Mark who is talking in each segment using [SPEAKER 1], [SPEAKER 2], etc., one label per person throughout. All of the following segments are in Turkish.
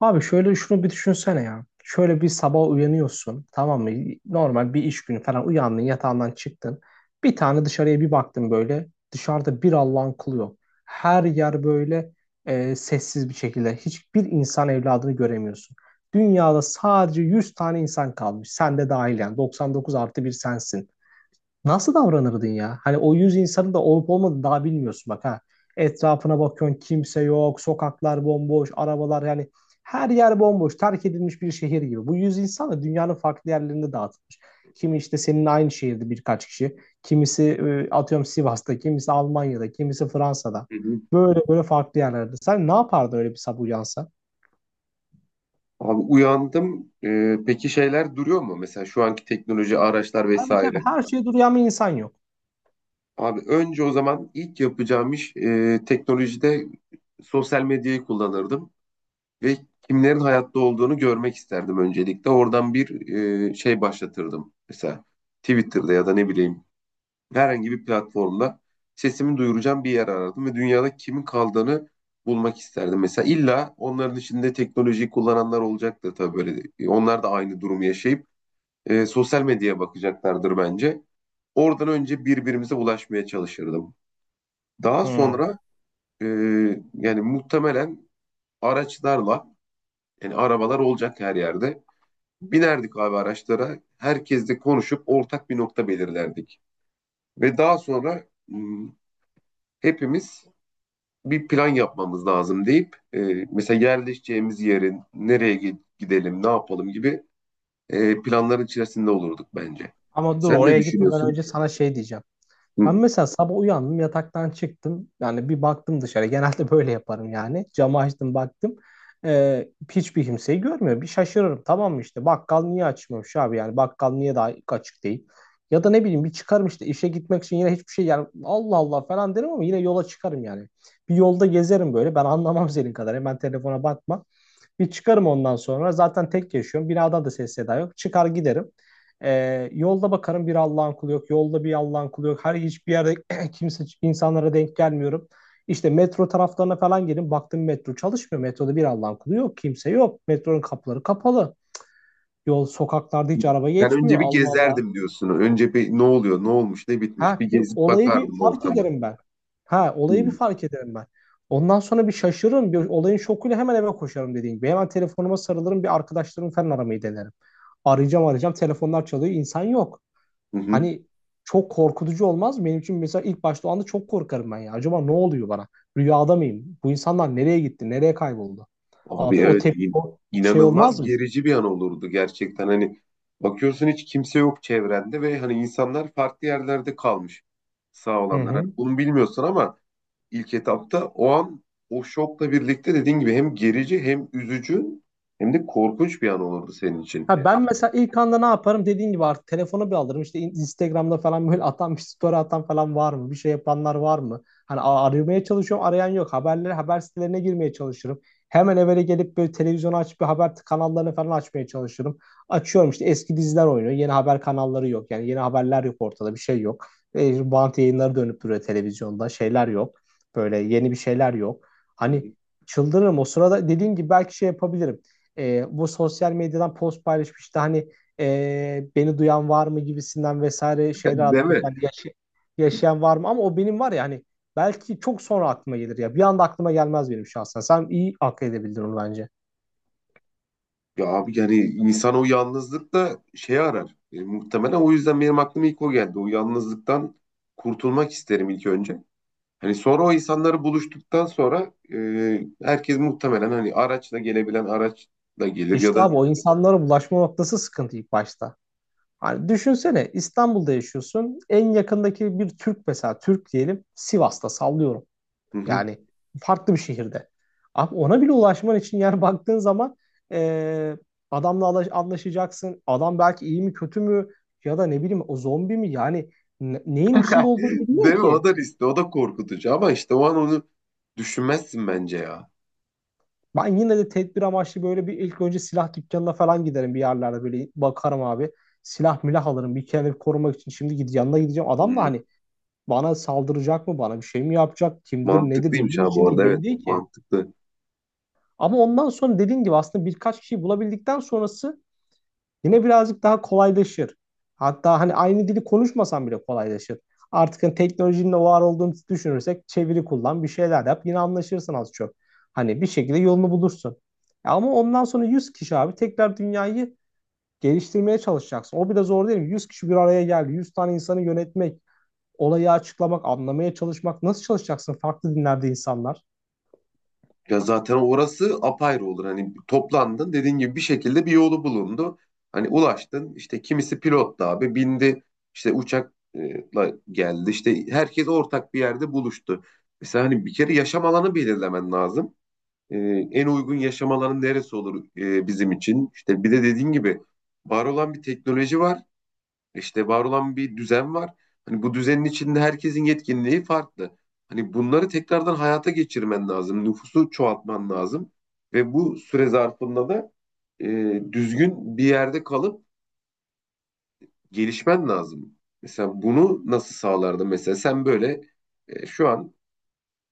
[SPEAKER 1] Abi şöyle şunu bir düşünsene ya. Şöyle bir sabah uyanıyorsun, tamam mı? Normal bir iş günü falan uyandın, yatağından çıktın. Bir tane dışarıya bir baktın böyle. Dışarıda bir Allah'ın kulu yok. Her yer böyle sessiz bir şekilde. Hiçbir insan evladını göremiyorsun. Dünyada sadece 100 tane insan kalmış. Sen de dahil yani. 99 artı bir sensin. Nasıl davranırdın ya? Hani o 100 insanın da olup olmadığını daha bilmiyorsun bak ha. Etrafına bakıyorsun, kimse yok, sokaklar bomboş, arabalar yani her yer bomboş, terk edilmiş bir şehir gibi. Bu 100 insan da dünyanın farklı yerlerinde dağıtılmış. Kimi işte seninle aynı şehirde birkaç kişi, kimisi atıyorum Sivas'ta, kimisi Almanya'da, kimisi Fransa'da.
[SPEAKER 2] Hı hı.
[SPEAKER 1] Böyle böyle farklı yerlerde. Sen ne yapardın öyle bir sabah uyansa?
[SPEAKER 2] Abi uyandım. Peki şeyler duruyor mu? Mesela şu anki teknoloji, araçlar
[SPEAKER 1] Tabii tabii,
[SPEAKER 2] vesaire.
[SPEAKER 1] her şeye duruyan bir insan yok.
[SPEAKER 2] Abi önce o zaman ilk yapacağım iş teknolojide sosyal medyayı kullanırdım ve kimlerin hayatta olduğunu görmek isterdim öncelikle. Oradan bir şey başlatırdım. Mesela Twitter'da ya da ne bileyim herhangi bir platformda sesimi duyuracağım bir yer aradım ve dünyada kimin kaldığını bulmak isterdim. Mesela illa onların içinde teknolojiyi kullananlar olacaktır tabii böyle. Onlar da aynı durumu yaşayıp sosyal medyaya bakacaklardır bence. Oradan önce birbirimize ulaşmaya çalışırdım. Daha
[SPEAKER 1] Hmm.
[SPEAKER 2] sonra e, yani muhtemelen araçlarla, yani arabalar olacak her yerde. Binerdik abi araçlara. Herkesle konuşup ortak bir nokta belirlerdik. Ve daha sonra hepimiz bir plan yapmamız lazım deyip mesela yerleşeceğimiz yerin nereye gidelim, ne yapalım gibi planların içerisinde olurduk bence.
[SPEAKER 1] Ama dur,
[SPEAKER 2] Sen ne
[SPEAKER 1] oraya gitmeden
[SPEAKER 2] düşünüyorsun?
[SPEAKER 1] önce sana şey diyeceğim.
[SPEAKER 2] Hı.
[SPEAKER 1] Ben mesela sabah uyandım, yataktan çıktım. Yani bir baktım dışarı. Genelde böyle yaparım yani. Camı açtım, baktım. Hiçbir kimseyi görmüyor. Bir şaşırırım. Tamam mı, işte bakkal niye açmamış abi, yani bakkal niye daha açık değil? Ya da ne bileyim bir çıkarım işte işe gitmek için, yine hiçbir şey, yani Allah Allah falan derim ama yine yola çıkarım yani. Bir yolda gezerim böyle. Ben anlamam senin kadar. Hemen telefona bakma. Bir çıkarım ondan sonra. Zaten tek yaşıyorum. Binadan da ses seda yok. Çıkar giderim. Yolda bakarım, bir Allah'ın kulu yok. Yolda bir Allah'ın kulu yok. Her hiçbir yerde kimse, insanlara denk gelmiyorum. İşte metro taraflarına falan gelin. Baktım metro çalışmıyor. Metroda bir Allah'ın kulu yok. Kimse yok. Metronun kapıları kapalı. Yol sokaklarda hiç araba
[SPEAKER 2] Ben
[SPEAKER 1] geçmiyor.
[SPEAKER 2] önce bir
[SPEAKER 1] Allah Allah.
[SPEAKER 2] gezerdim diyorsun. Önce bir ne oluyor, ne olmuş, ne bitmiş
[SPEAKER 1] Ha,
[SPEAKER 2] bir
[SPEAKER 1] bir
[SPEAKER 2] gezip
[SPEAKER 1] olayı bir
[SPEAKER 2] bakardım
[SPEAKER 1] fark
[SPEAKER 2] ortama.
[SPEAKER 1] ederim ben. Ha,
[SPEAKER 2] Hı.
[SPEAKER 1] olayı bir fark ederim ben. Ondan sonra bir şaşırırım. Bir olayın şokuyla hemen eve koşarım dediğim gibi. Hemen telefonuma sarılırım. Bir arkadaşlarımı falan aramayı denerim. Arayacağım arayacağım, telefonlar çalıyor, insan yok.
[SPEAKER 2] Hı hı.
[SPEAKER 1] Hani çok korkutucu olmaz mı? Benim için mesela ilk başta o anda çok korkarım ben ya. Acaba ne oluyor bana? Rüyada mıyım? Bu insanlar nereye gitti? Nereye kayboldu?
[SPEAKER 2] Abi
[SPEAKER 1] Artık o
[SPEAKER 2] evet,
[SPEAKER 1] tep o şey olmaz
[SPEAKER 2] inanılmaz
[SPEAKER 1] mı?
[SPEAKER 2] gerici bir an olurdu gerçekten. Hani bakıyorsun hiç kimse yok çevrende ve hani insanlar farklı yerlerde kalmış, sağ
[SPEAKER 1] Hı
[SPEAKER 2] olanlar. Hani
[SPEAKER 1] hı.
[SPEAKER 2] bunu bilmiyorsun ama ilk etapta. O an o şokla birlikte, dediğin gibi, hem gerici hem üzücü hem de korkunç bir an olurdu senin
[SPEAKER 1] Ha
[SPEAKER 2] için.
[SPEAKER 1] E, ben mesela ilk anda ne yaparım dediğin gibi artık telefonu bir alırım, işte Instagram'da falan böyle atan bir story atan falan var mı, bir şey yapanlar var mı hani, aramaya çalışıyorum, arayan yok, haberlere, haber sitelerine girmeye çalışırım, hemen evvela gelip böyle televizyonu açıp bir haber kanallarını falan açmaya çalışırım, açıyorum işte eski diziler oynuyor, yeni haber kanalları yok, yani yeni haberler yok, ortada bir şey yok, bant yayınları dönüp duruyor televizyonda, şeyler yok, böyle yeni bir şeyler yok,
[SPEAKER 2] Hı.
[SPEAKER 1] hani çıldırırım o sırada dediğin gibi, belki şey yapabilirim, bu sosyal medyadan post paylaşmıştı hani, beni duyan var mı gibisinden vesaire şeyler
[SPEAKER 2] Değil
[SPEAKER 1] atmak,
[SPEAKER 2] mi?
[SPEAKER 1] yani yaşayan var mı, ama o benim var ya hani, belki çok sonra aklıma gelir ya, bir anda aklıma gelmez benim şahsen, sen iyi akıl edebildin onu bence.
[SPEAKER 2] Ya abi yani insan o yalnızlıkta şey arar. Muhtemelen o yüzden benim aklıma ilk o geldi. O yalnızlıktan kurtulmak isterim ilk önce. Hani sonra o insanları buluştuktan sonra herkes muhtemelen, hani araçla gelebilen araçla gelir ya
[SPEAKER 1] İşte
[SPEAKER 2] da.
[SPEAKER 1] abi o insanlara bulaşma noktası sıkıntı ilk başta. Hani düşünsene, İstanbul'da yaşıyorsun. En yakındaki bir Türk mesela, Türk diyelim Sivas'ta, sallıyorum.
[SPEAKER 2] Hı hı.
[SPEAKER 1] Yani farklı bir şehirde. Abi ona bile ulaşman için, yani baktığın zaman e, adamla anlaşacaksın. Adam belki iyi mi kötü mü, ya da ne bileyim o zombi mi? Yani neyin içinde olduğunu bilmiyor
[SPEAKER 2] Değil mi? O
[SPEAKER 1] ki.
[SPEAKER 2] da riskli, o da korkutucu, ama işte o an onu düşünmezsin bence ya.
[SPEAKER 1] Ben yine de tedbir amaçlı böyle bir ilk önce silah dükkanına falan giderim, bir yerlerde böyle bakarım abi. Silah milah alırım, bir kendimi korumak için. Şimdi yanına gideceğim. Adam da
[SPEAKER 2] Hmm.
[SPEAKER 1] hani bana saldıracak mı, bana bir şey mi yapacak, kimdir nedir
[SPEAKER 2] Mantıklıymış
[SPEAKER 1] neyin
[SPEAKER 2] ha, bu
[SPEAKER 1] içinde
[SPEAKER 2] arada,
[SPEAKER 1] belli
[SPEAKER 2] evet
[SPEAKER 1] değil ki.
[SPEAKER 2] mantıklı.
[SPEAKER 1] Ama ondan sonra dediğin gibi aslında birkaç kişiyi bulabildikten sonrası yine birazcık daha kolaylaşır. Hatta hani aynı dili konuşmasan bile kolaylaşır. Artık hani teknolojinin de var olduğunu düşünürsek, çeviri kullan, bir şeyler yap. Yine anlaşırsın az çok. Hani bir şekilde yolunu bulursun. Ama ondan sonra 100 kişi abi tekrar dünyayı geliştirmeye çalışacaksın. O bile zor değil mi? 100 kişi bir araya geldi. 100 tane insanı yönetmek, olayı açıklamak, anlamaya çalışmak. Nasıl çalışacaksın farklı dinlerde insanlar?
[SPEAKER 2] Ya zaten orası apayrı olur. Hani toplandın, dediğin gibi bir şekilde bir yolu bulundu. Hani ulaştın, işte kimisi pilottu abi, bindi işte uçakla geldi, işte herkes ortak bir yerde buluştu. Mesela hani bir kere yaşam alanı belirlemen lazım. Ee, En uygun yaşam alanı neresi olur bizim için? İşte bir de dediğin gibi, var olan bir teknoloji var. İşte var olan bir düzen var. Hani bu düzenin içinde herkesin yetkinliği farklı. Hani bunları tekrardan hayata geçirmen lazım. Nüfusu çoğaltman lazım. Ve bu süre zarfında da e, düzgün bir yerde kalıp gelişmen lazım. Mesela bunu nasıl sağlardı? Mesela sen böyle şu an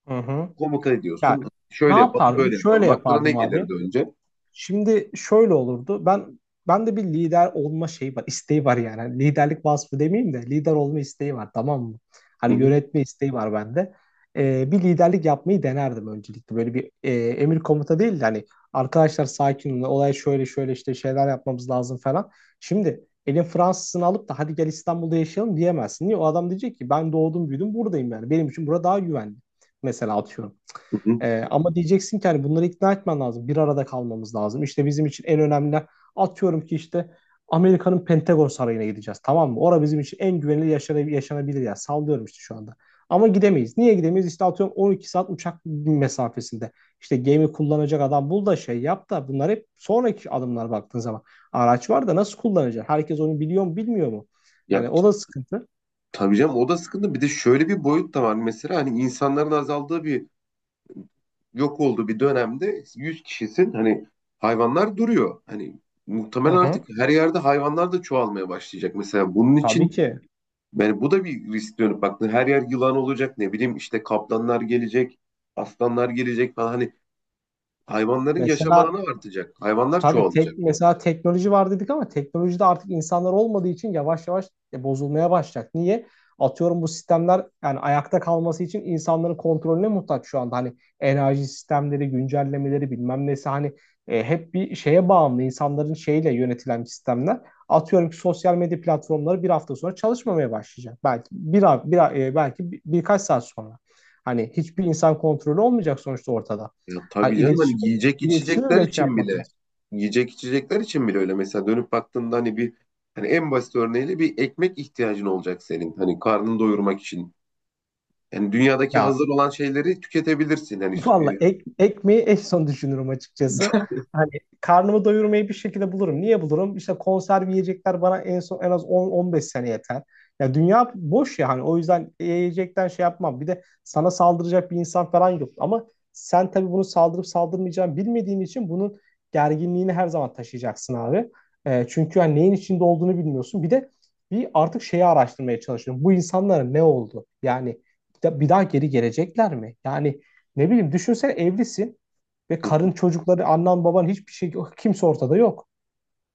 [SPEAKER 1] Hı hı.
[SPEAKER 2] komuta
[SPEAKER 1] Ya,
[SPEAKER 2] ediyorsun.
[SPEAKER 1] ne
[SPEAKER 2] Şöyle yapalım,
[SPEAKER 1] yapardım?
[SPEAKER 2] böyle
[SPEAKER 1] Şöyle
[SPEAKER 2] yapalım. Aklına ne
[SPEAKER 1] yapardım abi.
[SPEAKER 2] gelirdi önce?
[SPEAKER 1] Şimdi şöyle olurdu. Ben de bir lider olma şeyi var, isteği var yani. Hani liderlik vasfı demeyeyim de lider olma isteği var, tamam mı? Hani
[SPEAKER 2] Hı hı,
[SPEAKER 1] yönetme isteği var bende. Bir liderlik yapmayı denerdim öncelikle. Böyle bir emir komuta değil de hani, arkadaşlar sakin olun, olay şöyle şöyle, işte şeyler yapmamız lazım falan. Şimdi elin Fransızını alıp da hadi gel İstanbul'da yaşayalım diyemezsin. Niye? O adam diyecek ki ben doğdum büyüdüm buradayım yani. Benim için bura daha güvenli. Mesela atıyorum.
[SPEAKER 2] hı hı.
[SPEAKER 1] Ama diyeceksin ki hani bunları ikna etmen lazım. Bir arada kalmamız lazım. İşte bizim için en önemli, atıyorum ki işte Amerika'nın Pentagon Sarayı'na gideceğiz. Tamam mı? Orada bizim için en güvenilir, yaşanabilir yaşanabilir yer. Sallıyorum işte şu anda. Ama gidemeyiz. Niye gidemeyiz? İşte atıyorum 12 saat uçak mesafesinde. İşte gemi kullanacak adam bul da şey yap da, bunlar hep sonraki adımlar baktığın zaman. Araç var da nasıl kullanacak? Herkes onu biliyor mu, bilmiyor mu?
[SPEAKER 2] Ya
[SPEAKER 1] Yani o da sıkıntı.
[SPEAKER 2] tabii canım, o da sıkıntı. Bir de şöyle bir boyut da var mesela, hani insanların azaldığı bir, yok olduğu bir dönemde 100 kişisin, hani hayvanlar duruyor. Hani
[SPEAKER 1] Hı
[SPEAKER 2] muhtemelen artık
[SPEAKER 1] hı.
[SPEAKER 2] her yerde hayvanlar da çoğalmaya başlayacak. Mesela bunun için,
[SPEAKER 1] Tabii ki.
[SPEAKER 2] yani bu da bir risk. Dönüp baktığında her yer yılan olacak, ne bileyim, işte kaplanlar gelecek, aslanlar gelecek falan, hani hayvanların yaşam
[SPEAKER 1] Mesela
[SPEAKER 2] alanı artacak. Hayvanlar
[SPEAKER 1] Tabii
[SPEAKER 2] çoğalacak.
[SPEAKER 1] tek, mesela teknoloji var dedik ama teknolojide artık insanlar olmadığı için yavaş yavaş bozulmaya başlayacak. Niye? Atıyorum bu sistemler yani ayakta kalması için insanların kontrolüne muhtaç şu anda. Hani enerji sistemleri, güncellemeleri, bilmem nesi, hani hep bir şeye bağımlı, insanların şeyle yönetilen sistemler. Atıyorum ki sosyal medya platformları bir hafta sonra çalışmamaya başlayacak. Belki bir, a- bir a- e, belki bir- birkaç saat sonra. Hani hiçbir insan kontrolü olmayacak sonuçta ortada.
[SPEAKER 2] Ya
[SPEAKER 1] Hani
[SPEAKER 2] tabii canım,
[SPEAKER 1] iletişim,
[SPEAKER 2] hani
[SPEAKER 1] iletişim öyle bir şey yapmak.
[SPEAKER 2] yiyecek içecekler için bile öyle. Mesela dönüp baktığında, hani bir, hani en basit örneğiyle bir ekmek ihtiyacın olacak senin. Hani karnını doyurmak için. Yani dünyadaki
[SPEAKER 1] Ya
[SPEAKER 2] hazır olan şeyleri tüketebilirsin. Hani
[SPEAKER 1] valla ekmeği en son düşünürüm açıkçası. Hani karnımı doyurmayı bir şekilde bulurum. Niye bulurum? İşte konserve yiyecekler bana en son en az 10-15 sene yeter. Ya dünya boş ya, hani o yüzden yiyecekten şey yapmam. Bir de sana saldıracak bir insan falan yok. Ama sen tabii bunu saldırıp saldırmayacağını bilmediğin için bunun gerginliğini her zaman taşıyacaksın abi. Çünkü hani neyin içinde olduğunu bilmiyorsun. Bir de bir artık şeyi araştırmaya çalışıyorum. Bu insanlara ne oldu? Yani bir daha geri gelecekler mi? Yani ne bileyim, düşünsene evlisin ve
[SPEAKER 2] hı hı.
[SPEAKER 1] karın, çocukları, annen baban, hiçbir şey, kimse ortada yok.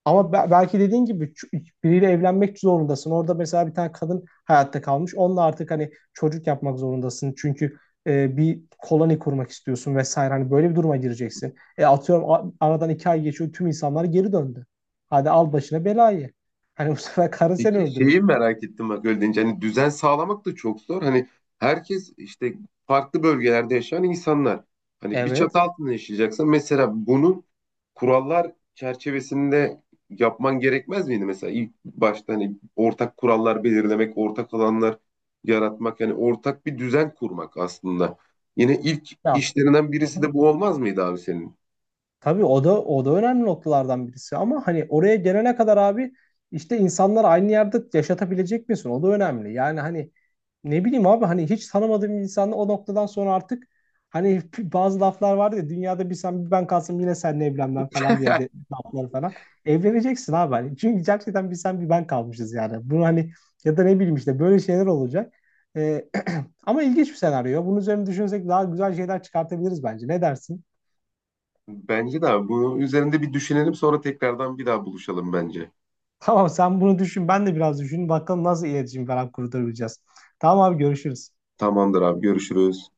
[SPEAKER 1] Ama belki dediğin gibi biriyle evlenmek zorundasın. Orada mesela bir tane kadın hayatta kalmış. Onunla artık hani çocuk yapmak zorundasın. Çünkü bir koloni kurmak istiyorsun vesaire. Hani böyle bir duruma gireceksin. Atıyorum aradan 2 ay geçiyor, tüm insanlar geri döndü. Hadi al başına belayı. Hani bu sefer karın seni
[SPEAKER 2] Peki
[SPEAKER 1] öldürür.
[SPEAKER 2] şeyi merak ettim, bak öyle deyince hani düzen sağlamak da çok zor. Hani herkes işte farklı bölgelerde yaşayan insanlar. Hani bir çatı
[SPEAKER 1] Evet.
[SPEAKER 2] altında yaşayacaksan mesela bunu kurallar çerçevesinde yapman gerekmez miydi mesela ilk başta? Hani ortak kurallar belirlemek, ortak alanlar yaratmak, yani ortak bir düzen kurmak aslında. Yine ilk
[SPEAKER 1] Ya.
[SPEAKER 2] işlerinden
[SPEAKER 1] Hı
[SPEAKER 2] birisi
[SPEAKER 1] hı.
[SPEAKER 2] de bu olmaz mıydı abi senin?
[SPEAKER 1] Tabii o da önemli noktalardan birisi ama hani oraya gelene kadar abi, işte insanları aynı yerde yaşatabilecek misin? O da önemli. Yani hani ne bileyim abi, hani hiç tanımadığım bir insanla o noktadan sonra artık hani bazı laflar vardı ya, dünyada bir sen bir ben kalsam yine seninle evlenmem falan diye de lafları falan. Evleneceksin abi hani. Çünkü gerçekten bir sen bir ben kalmışız yani. Bunu hani, ya da ne bileyim işte böyle şeyler olacak. Ee, Ama ilginç bir senaryo. Bunun üzerine düşünsek daha güzel şeyler çıkartabiliriz bence. Ne dersin?
[SPEAKER 2] Bence de abi. Bunun üzerinde bir düşünelim, sonra tekrardan bir daha buluşalım bence.
[SPEAKER 1] Tamam, sen bunu düşün. Ben de biraz düşünün. Bakalım nasıl iletişim falan kurtarabileceğiz. Tamam abi, görüşürüz.
[SPEAKER 2] Tamamdır abi, görüşürüz.